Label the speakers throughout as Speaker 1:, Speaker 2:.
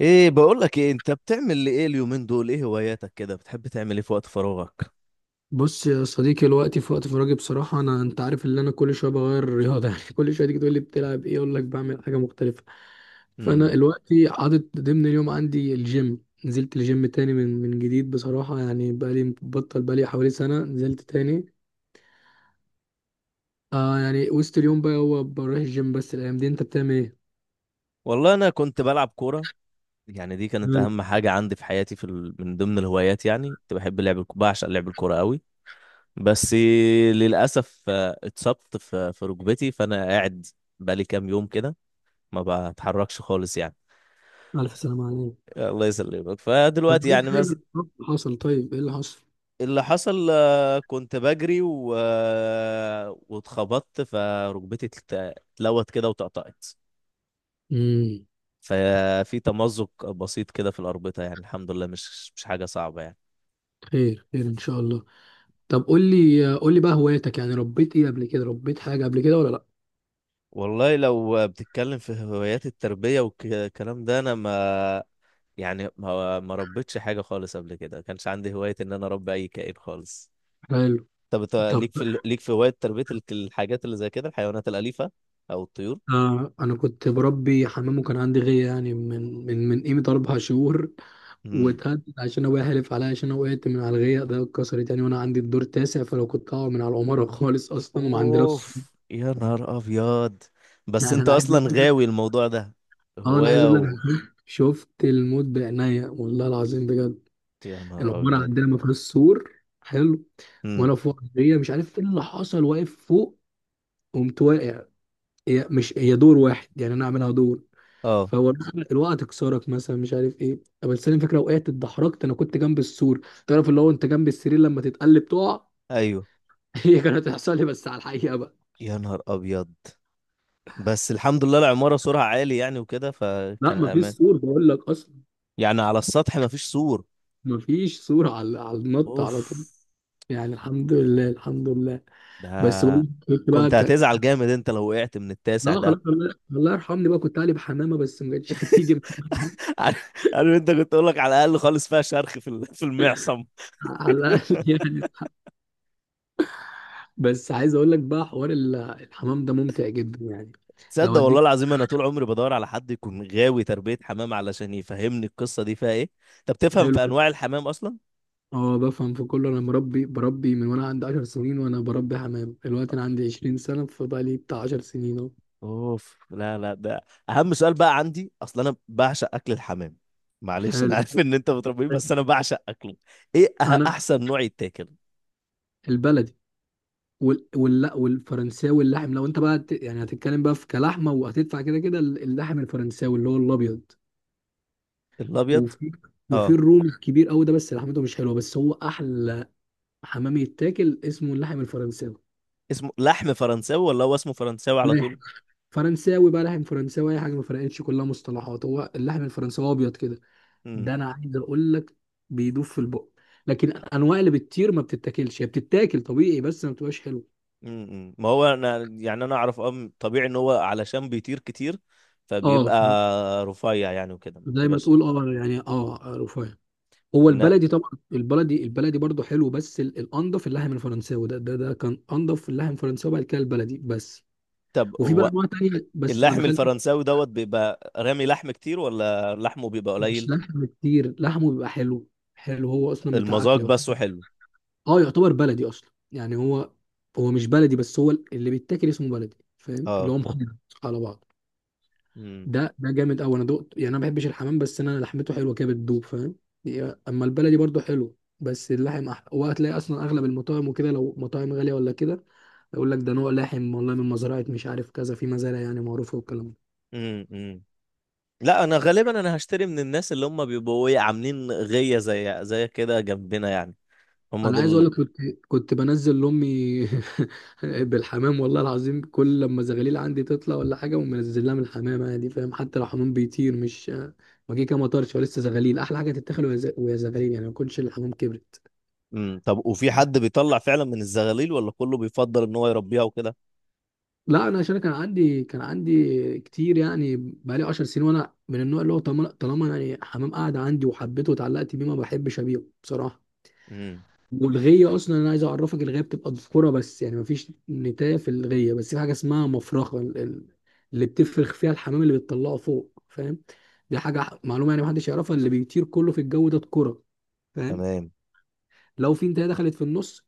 Speaker 1: ايه، بقول لك، ايه انت بتعمل ايه اليومين دول؟ ايه هواياتك كده؟ بتحب تعمل ايه في وقت فراغك؟
Speaker 2: بص يا صديقي الوقت في وقت فراغي بصراحة، أنا أنت عارف إن أنا كل شوية بغير الرياضة. يعني كل شوية تيجي تقول لي بتلعب إيه، أقول لك بعمل حاجة مختلفة. فأنا
Speaker 1: امم.
Speaker 2: الوقت حاطط ضمن اليوم عندي الجيم، نزلت الجيم تاني من جديد بصراحة، يعني بقالي بطل بقالي حوالي سنة نزلت تاني. آه يعني وسط اليوم بقى هو بروح الجيم، بس الأيام دي أنت بتعمل إيه؟
Speaker 1: والله انا كنت بلعب كوره. يعني دي كانت
Speaker 2: حلو.
Speaker 1: اهم حاجه عندي في حياتي، من ضمن الهوايات، يعني كنت بحب لعب الك- بعشق لعب الكوره قوي. بس للاسف اتصبت في ركبتي، فانا قاعد بقالي كام يوم كده ما بتحركش خالص يعني.
Speaker 2: ألف سلامة عليك.
Speaker 1: الله يسلمك، فدلوقتي
Speaker 2: طب إيه
Speaker 1: يعني.
Speaker 2: الخير اللي حصل؟ طيب إيه اللي حصل؟
Speaker 1: اللي حصل كنت بجري و... آه، واتخبطت فركبتي، اتلوت كده وتقطعت.
Speaker 2: امم.
Speaker 1: ففي تمزق بسيط كده في الأربطة، يعني الحمد لله مش حاجة صعبة يعني.
Speaker 2: خير خير إن شاء الله. طب قول لي قول لي بقى هواياتك، يعني ربيت ايه قبل كده، ربيت حاجة قبل كده ولا لا؟
Speaker 1: والله لو بتتكلم في هوايات التربية والكلام ده، أنا ما يعني ما ربيتش حاجة خالص قبل كده، ما كانش عندي هواية إن أنا أربي أي كائن خالص.
Speaker 2: حلو.
Speaker 1: طب إنت
Speaker 2: طب
Speaker 1: ليك ليك في هواية تربية الحاجات اللي زي كده، الحيوانات الأليفة أو الطيور؟
Speaker 2: آه انا كنت بربي حمام وكان عندي غيه، يعني من قيمة اربع شهور.
Speaker 1: مم.
Speaker 2: واتهدد عشان ابويا حلف عليا، عشان انا وقعت من على الغيه ده اتكسرت يعني، وانا عندي الدور تاسع، فلو كنت هقع من على العماره خالص اصلا، وما عندناش.
Speaker 1: اوف، يا نهار ابيض. بس
Speaker 2: يعني
Speaker 1: انت
Speaker 2: انا عايز
Speaker 1: اصلا
Speaker 2: اقول
Speaker 1: غاوي الموضوع ده.
Speaker 2: اه انا عايز
Speaker 1: هواية
Speaker 2: اقول لك،
Speaker 1: و...
Speaker 2: شفت الموت بعينيا والله العظيم بجد.
Speaker 1: يا نهار
Speaker 2: العماره
Speaker 1: ابيض.
Speaker 2: عندنا ما فيهاش سور. حلو.
Speaker 1: امم.
Speaker 2: وانا فوق الغيه مش عارف ايه اللي حصل، واقف فوق قمت واقع. هي مش هي دور واحد، يعني انا اعملها دور،
Speaker 1: اه.
Speaker 2: فهو مثلا الوقعه تكسرك مثلا مش عارف ايه. طب بس انا فاكره وقعت اتدحرجت، انا كنت جنب السور. تعرف اللي هو انت جنب السرير لما تتقلب تقع؟
Speaker 1: ايوه.
Speaker 2: هي كانت هتحصل لي بس على الحقيقه بقى.
Speaker 1: يا نهار ابيض. بس الحمد لله العمارة سورها عالي يعني وكده
Speaker 2: لا
Speaker 1: فكان
Speaker 2: مفيش
Speaker 1: امان.
Speaker 2: سور بقول لك اصلا.
Speaker 1: يعني على السطح مفيش سور.
Speaker 2: مفيش سور على النط
Speaker 1: اوف.
Speaker 2: على طول. يعني الحمد لله الحمد لله. بس بقول لك
Speaker 1: ده
Speaker 2: كنت بقى
Speaker 1: كنت هتزعل جامد انت لو وقعت من التاسع
Speaker 2: لا
Speaker 1: ده.
Speaker 2: خلاص الله الله يرحمني، بقى كنت قالب حمامه بس ما كانتش هتيجي معايا.
Speaker 1: عارف عارف، انت كنت اقول لك على الاقل خالص فيها شرخ في المعصم.
Speaker 2: على الاقل يعني. بس عايز اقول لك بقى حوار الحمام ده ممتع جدا يعني. لو
Speaker 1: تصدق والله
Speaker 2: اديك.
Speaker 1: العظيم، انا طول عمري بدور على حد يكون غاوي تربية حمام علشان يفهمني القصة دي فيها ايه. طب تفهم
Speaker 2: حلو
Speaker 1: في
Speaker 2: جدا.
Speaker 1: انواع الحمام اصلا؟
Speaker 2: اه بفهم في كله، انا مربي بربي من وانا عندي 10 سنين، وانا بربي حمام، دلوقتي انا عندي 20 سنه، فبقى لي بتاع 10 سنين اهو.
Speaker 1: اوف. لا لا، ده اهم سؤال بقى عندي اصلا، انا بعشق اكل الحمام. معلش، انا
Speaker 2: حلو.
Speaker 1: عارف ان انت بتربيه، بس انا بعشق اكله. ايه
Speaker 2: انا
Speaker 1: احسن نوع يتاكل؟
Speaker 2: البلدي، والفرنساوي اللحم. لو انت بقى يعني هتتكلم بقى في كلحمه وهتدفع كده كده، اللحم الفرنساوي اللي هو الابيض.
Speaker 1: الابيض.
Speaker 2: وفي وفي
Speaker 1: اه.
Speaker 2: الرومي الكبير قوي ده، بس لحمته مش حلوه، بس هو احلى حمام يتاكل اسمه اللحم الفرنساوي.
Speaker 1: اسمه لحم فرنساوي ولا هو اسمه فرنساوي على طول؟
Speaker 2: لاحق. فرنساوي بقى لحم فرنساوي، اي حاجه ما فرقتش، كلها مصطلحات، هو اللحم الفرنساوي ابيض كده.
Speaker 1: امم
Speaker 2: ده انا عايز اقول لك، بيدوب في البق. لكن الانواع اللي بتطير ما بتتاكلش، هي بتتاكل طبيعي بس ما بتبقاش حلوه.
Speaker 1: ما هو انا يعني انا اعرف طبيعي ان هو علشان بيطير كتير
Speaker 2: اه
Speaker 1: فبيبقى
Speaker 2: ف-
Speaker 1: رفيع يعني وكده ما
Speaker 2: زي ما
Speaker 1: بتبقاش.
Speaker 2: تقول، اه يعني اه رفاهي. هو
Speaker 1: إن-
Speaker 2: البلدي طبعا، البلدي البلدي برضه حلو، بس الانضف اللحم الفرنساوي ده، ده كان انضف، اللحم الفرنساوي بعد كده البلدي بس.
Speaker 1: طب
Speaker 2: وفي بقى
Speaker 1: هو
Speaker 2: انواع تانية بس ما
Speaker 1: اللحم
Speaker 2: دخلت.
Speaker 1: الفرنساوي دوت بيبقى رامي لحم كتير ولا لحمه بيبقى
Speaker 2: مش
Speaker 1: قليل؟
Speaker 2: لحم كتير، لحمه بيبقى حلو، حلو هو اصلا بتاع
Speaker 1: المذاق
Speaker 2: اكل.
Speaker 1: بس وحلو.
Speaker 2: اه يعتبر بلدي اصلا يعني. هو مش بلدي، بس هو اللي بيتاكل اسمه بلدي، فاهم؟ اللي
Speaker 1: اه.
Speaker 2: هو مخلط على بعض.
Speaker 1: امم
Speaker 2: ده جامد قوي، انا دقت يعني، انا ما بحبش الحمام، بس انا لحمته حلوه كده بتدوب، فاهم؟ اما البلدي برضو حلو، بس اللحم وهتلاقي اصلا اغلب المطاعم وكده، لو مطاعم غاليه ولا كده، يقول لك ده نوع لحم والله من مزرعه مش عارف، كذا في مزارع يعني معروفه والكلام.
Speaker 1: أمم. لا، انا غالبا انا هشتري من الناس اللي هم بيبقوا ايه عاملين غية زي كده جنبنا يعني، هم
Speaker 2: انا عايز اقول
Speaker 1: دول.
Speaker 2: لك، كنت بنزل لامي بالحمام، والله العظيم. كل لما زغاليل عندي تطلع ولا حاجه، ومنزل لها من الحمام عادي، فاهم؟ حتى لو حمام بيطير مش ما جه كده مطرش، ولسه زغاليل، احلى حاجه تتاكل وهي وهي زغاليل يعني، ما يكونش الحمام كبرت.
Speaker 1: امم. طب وفي حد بيطلع فعلا من الزغاليل ولا كله بيفضل ان هو يربيها وكده؟
Speaker 2: لا انا عشان كان عندي كتير يعني، بقالي 10 سنين، وانا من النوع اللي هو طالما طالما يعني حمام قاعد عندي وحبيته واتعلقت بيه ما بحبش ابيعه بصراحه.
Speaker 1: امم.
Speaker 2: والغيه اصلا انا عايز اعرفك، الغيه بتبقى ذكوره بس يعني، مفيش نتايه في الغيه، بس في حاجه اسمها مفرخه اللي بتفرخ فيها الحمام، اللي بتطلعه فوق، فاهم؟ دي حاجه معلومه يعني محدش يعرفها، اللي بيطير كله في الجو ده ذكوره، فاهم؟
Speaker 1: تمام.
Speaker 2: لو في نتايه دخلت في النص،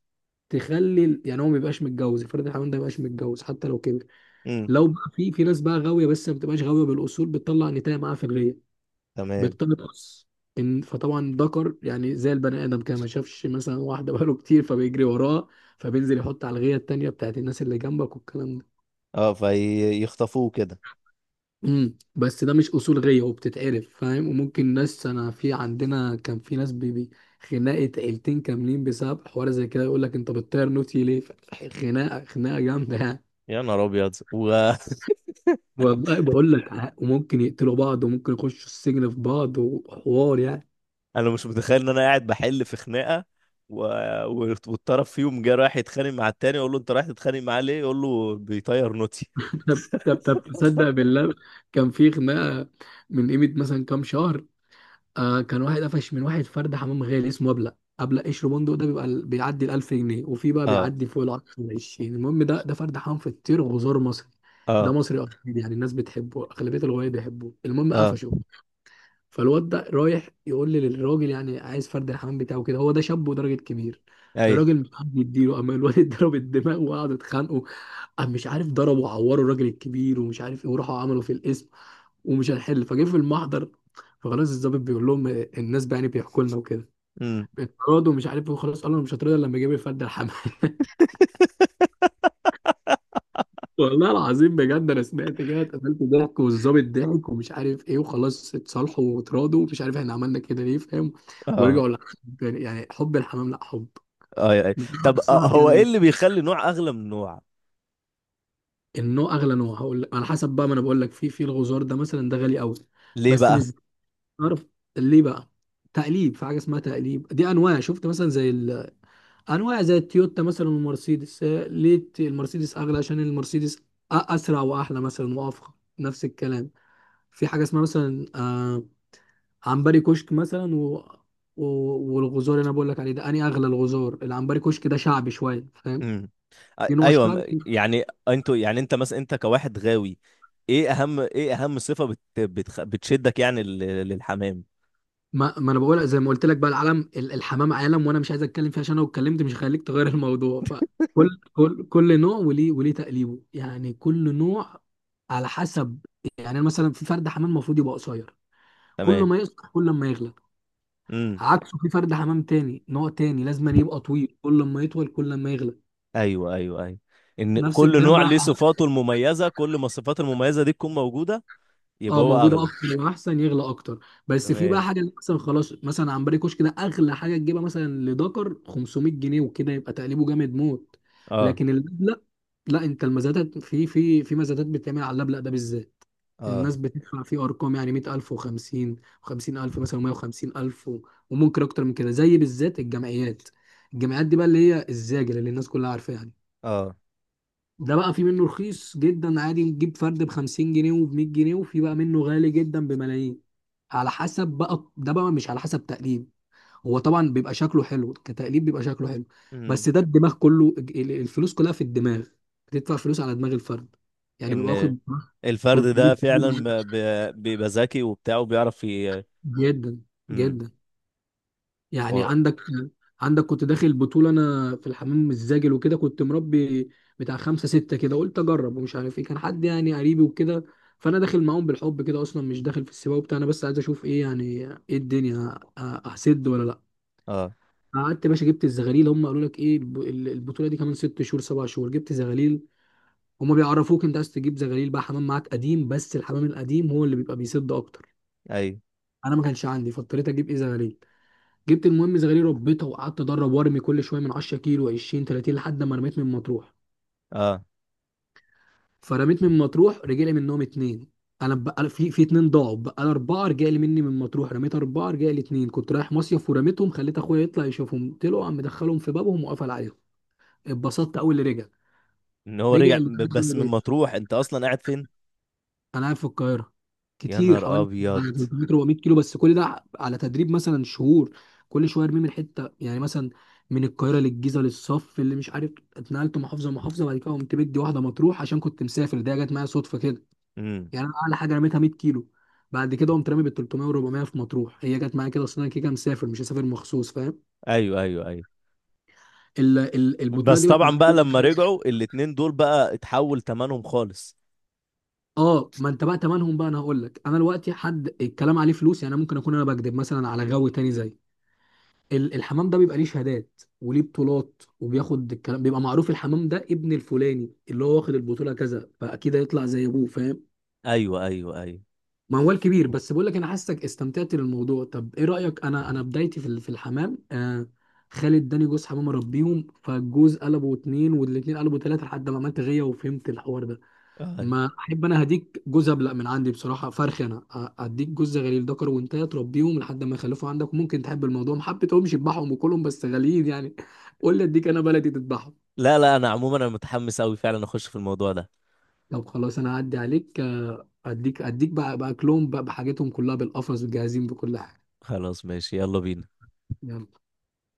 Speaker 2: تخلي يعني هو ما يبقاش متجوز، افرض الحمام ده ما يبقاش متجوز حتى لو كبر.
Speaker 1: امم.
Speaker 2: لو بقى في ناس بقى غاويه، بس ما بتبقاش غاويه بالاصول، بتطلع نتايه معاها في الغيه
Speaker 1: تمام.
Speaker 2: بتقص، ان فطبعا ذكر، يعني زي البني ادم كده، ما شافش مثلا واحده بقاله كتير فبيجري وراها، فبينزل يحط على الغيه التانيه بتاعت الناس اللي جنبك والكلام ده.
Speaker 1: اه، فيخطفوه كده.
Speaker 2: بس ده مش اصول غيه، وبتتعرف فاهم، وممكن ناس، انا في عندنا كان في ناس بيبي خناقه عيلتين كاملين بسبب حوار زي كده، يقول لك انت بتطير نوتي ليه خناقه خناقه جامده يعني.
Speaker 1: يا نهار ابيض
Speaker 2: والله بقول لك، وممكن يقتلوا بعض، وممكن يخشوا السجن في بعض وحوار يعني.
Speaker 1: انا مش متخيل ان انا قاعد بحل في خناقه. و... والطرف فيهم جه رايح يتخانق مع التاني، اقول له انت رايح تتخانق معاه ليه؟ يقول له بيطير نوتي.
Speaker 2: طب تصدق بالله، كان في خناقه من قيمه مثلا كام شهر، آه، كان واحد قفش من واحد فرد حمام غالي اسمه ابلق، قشر بندق، ده بيبقى بيعدي ال 1000 جنيه، وفي بقى
Speaker 1: اه
Speaker 2: بيعدي فوق ال 10 20، المهم ده فرد حمام في الطير، وزار مصري. ده
Speaker 1: اه
Speaker 2: مصري اصيل يعني، الناس بتحبه، اغلبيه الغوايه بيحبوه، المهم
Speaker 1: اه
Speaker 2: قفشه. فالواد ده رايح يقول لي للراجل، يعني عايز فرد الحمام بتاعه كده، هو ده شاب وراجل كبير.
Speaker 1: اي.
Speaker 2: الراجل مش عارف يديله، اما الواد اتضرب الدماغ وقعدوا يتخانقوا. قام مش عارف ضربوا وعوروا الراجل الكبير ومش عارف ايه، وراحوا عملوا في القسم، ومش هنحل فجه في المحضر. فخلاص الضابط بيقول لهم الناس بقى يعني بيحكوا لنا وكده،
Speaker 1: امم.
Speaker 2: اتراضوا ومش عارف ايه، وخلاص قالوا أنا مش هترضى إلا لما يجيب لي فرد الحمام. والله العظيم بجد، انا سمعت كده اتقفلت ضحك، والظابط ضحك ومش عارف ايه، وخلاص اتصالحوا واتراضوا ومش عارف احنا عملنا كده ليه، فاهم؟
Speaker 1: اه
Speaker 2: ورجعوا للحب يعني، يعني حب الحمام، لا حب.
Speaker 1: اه اي. طب
Speaker 2: بنصحك
Speaker 1: هو
Speaker 2: يعني
Speaker 1: ايه
Speaker 2: ان
Speaker 1: اللي بيخلي نوع اغلى من نوع؟
Speaker 2: النوع اغلى نوع، هقول لك على حسب بقى، ما انا بقول لك، في الغزار ده مثلا ده غالي قوي،
Speaker 1: ليه
Speaker 2: بس
Speaker 1: بقى؟
Speaker 2: مش عارف ليه بقى. تقليب، في حاجه اسمها تقليب، دي انواع، شفت مثلا زي انواع زي التويوتا مثلا والمرسيدس. آه، ليه المرسيدس اغلى؟ عشان المرسيدس اسرع واحلى مثلا وافخم، نفس الكلام. في حاجه اسمها مثلا آه عنبري كشك مثلا، و... والغزار اللي انا بقول لك عليه ده اني اغلى الغزار، العنبري كشك ده شعبي شويه، فاهم؟
Speaker 1: امم.
Speaker 2: في نوع
Speaker 1: ايوه،
Speaker 2: الشعبي.
Speaker 1: يعني انتوا يعني انت مثلا انت كواحد غاوي. ايه اهم صفه بتشدك يعني للحمام؟
Speaker 2: ما انا بقول زي ما قلت لك بقى، العالم الحمام عالم، وانا مش عايز اتكلم فيه عشان لو اتكلمت مش هخليك تغير الموضوع. فكل كل كل نوع وليه تقليبه يعني، كل نوع على حسب. يعني أنا مثلا في فرد حمام المفروض يبقى قصير، كل
Speaker 1: تمام.
Speaker 2: ما يقصر كل ما يغلى.
Speaker 1: امم.
Speaker 2: عكسه في فرد حمام تاني نوع تاني، لازم أن يبقى طويل، كل ما يطول كل ما يغلى،
Speaker 1: ايوه ايوه ايوه. ان
Speaker 2: نفس
Speaker 1: كل
Speaker 2: الكلام
Speaker 1: نوع
Speaker 2: بقى.
Speaker 1: ليه صفاته المميزه، كل ما الصفات المميزه دي تكون موجوده
Speaker 2: اه
Speaker 1: يبقى هو
Speaker 2: موجوده
Speaker 1: اغلى.
Speaker 2: اكتر واحسن يغلى اكتر. بس في بقى
Speaker 1: تمام.
Speaker 2: حاجه، اللي مثلا خلاص مثلا عنبري كشك ده اغلى حاجه تجيبها مثلا لدكر 500 جنيه وكده، يبقى تقليبه جامد موت.
Speaker 1: اه
Speaker 2: لكن اللبلق، لا انت المزادات في مزادات بتتعمل على اللبلق ده بالذات.
Speaker 1: اه
Speaker 2: الناس بتدفع فيه ارقام يعني 100000 و50 و50000 مثلا و150000 وممكن اكتر من كده، زي بالذات الجمعيات. الجمعيات دي بقى اللي هي الزاجل، اللي الناس كلها عارفاها.
Speaker 1: اه.
Speaker 2: ده بقى في منه رخيص جدا عادي، نجيب فرد ب 50 جنيه وب 100 جنيه، وفي بقى منه غالي جدا بملايين، على حسب بقى، ده بقى مش على حسب تقليد. هو طبعا بيبقى شكله حلو، كتقليد بيبقى شكله حلو،
Speaker 1: امم.
Speaker 2: بس ده الدماغ كله، الفلوس كلها في الدماغ، بتدفع فلوس على دماغ الفرد يعني، بيبقى
Speaker 1: ان
Speaker 2: واخد
Speaker 1: الفرد ده
Speaker 2: 300 جنيه
Speaker 1: فعلا بيبقى ذكي وبتاع وبيعرف.
Speaker 2: جدا
Speaker 1: امم.
Speaker 2: جدا يعني.
Speaker 1: و...
Speaker 2: عندك، كنت داخل بطولة أنا في الحمام الزاجل وكده، كنت مربي بتاع خمسة ستة كده، قلت أجرب ومش عارف إيه، كان حد يعني قريبي وكده. فأنا داخل معاهم بالحب كده أصلا، مش داخل في السباق وبتاع، أنا بس عايز أشوف إيه يعني، إيه الدنيا أسد ولا لأ.
Speaker 1: اه
Speaker 2: قعدت يا باشا جبت الزغاليل، هم قالوا لك إيه البطولة دي كمان ست شهور سبع شهور، جبت زغاليل. هم بيعرفوك أنت عايز تجيب زغاليل بقى، حمام معاك قديم، بس الحمام القديم هو اللي بيبقى بيسد أكتر.
Speaker 1: ايوه
Speaker 2: أنا ما كانش عندي فاضطريت أجيب إيه زغاليل، جبت المهم زغالية ربيتها، وقعدت ادرب وارمي كل شويه من 10 كيلو 20 30 لحد ما رميت من مطروح.
Speaker 1: اه.
Speaker 2: فرميت من مطروح رجع لي منهم اتنين. انا بقى في اتنين ضاعوا بقى، أنا اربعه رجع لي مني من مطروح، رميت اربعه رجع لي اتنين. كنت رايح مصيف ورميتهم، خليت اخويا يطلع يشوفهم، طلعوا عم مدخلهم في بابهم وقفل عليهم، اتبسطت اول اللي رجع.
Speaker 1: ان هو
Speaker 2: رجع
Speaker 1: رجع
Speaker 2: اللي
Speaker 1: بس من مطروح، انت اصلا قاعد فين؟
Speaker 2: انا قاعد في القاهره،
Speaker 1: يا
Speaker 2: كتير
Speaker 1: نهار
Speaker 2: حوالي
Speaker 1: ابيض.
Speaker 2: 300 400 كيلو، بس كل ده على تدريب مثلا شهور، كل شويه ارميه من حته يعني، مثلا من القاهره للجيزه للصف اللي مش عارف، اتنقلت محافظه محافظه بعد كده قمت بدي واحده مطروح عشان كنت مسافر، ده جت معايا صدفه كده.
Speaker 1: امم.
Speaker 2: يعني انا اعلى حاجه رميتها 100 كيلو، بعد كده قمت رامي بال 300 و400 في مطروح، هي جت معايا كده، اصل انا كده كده مسافر مش هسافر مخصوص، فاهم؟
Speaker 1: ايوه ايوه ايوه.
Speaker 2: البطوله
Speaker 1: بس
Speaker 2: دي بقى كانت،
Speaker 1: طبعا بقى لما رجعوا الاتنين دول بقى اتحول تمنهم خالص.
Speaker 2: اه ما انت بقى تمنهم بقى، انا هقول لك، انا دلوقتي حد الكلام عليه فلوس يعني، أنا ممكن اكون انا بكذب مثلا على غاوي تاني، زي الحمام ده بيبقى ليه شهادات وليه بطولات، وبياخد الكلام بيبقى معروف، الحمام ده ابن الفلاني اللي هو واخد البطولة كذا، فأكيد هيطلع زي أبوه، فاهم؟
Speaker 1: ايوه ايوه ايوه.
Speaker 2: موال كبير بس بقول لك، أنا حاسك استمتعت بالموضوع، طب إيه رأيك؟ أنا بدايتي في في الحمام، آه، خالد اداني جوز حمام أربيهم، فالجوز قلبوا اتنين والاتنين قلبوا تلاتة لحد ما عملت غية وفهمت الحوار ده.
Speaker 1: آه.
Speaker 2: ما احب انا هديك جوز ابلق من عندي بصراحه فرخ، انا اديك جوز غليل ذكر، وانت تربيهم لحد ما يخلفوا عندك، وممكن تحب الموضوع، ما حبيتهمش اذبحهم وكلهم، بس غاليين يعني. قول لي اديك انا بلدي تذبحهم.
Speaker 1: لا لا، انا عموما انا متحمس قوي فعلا اخش في الموضوع ده.
Speaker 2: طب خلاص انا هعدي عليك آه، اديك بقى باكلهم بقى، بحاجتهم كلها بالقفص وجاهزين بكل حاجه.
Speaker 1: خلاص ماشي، يلا بينا.
Speaker 2: يلا.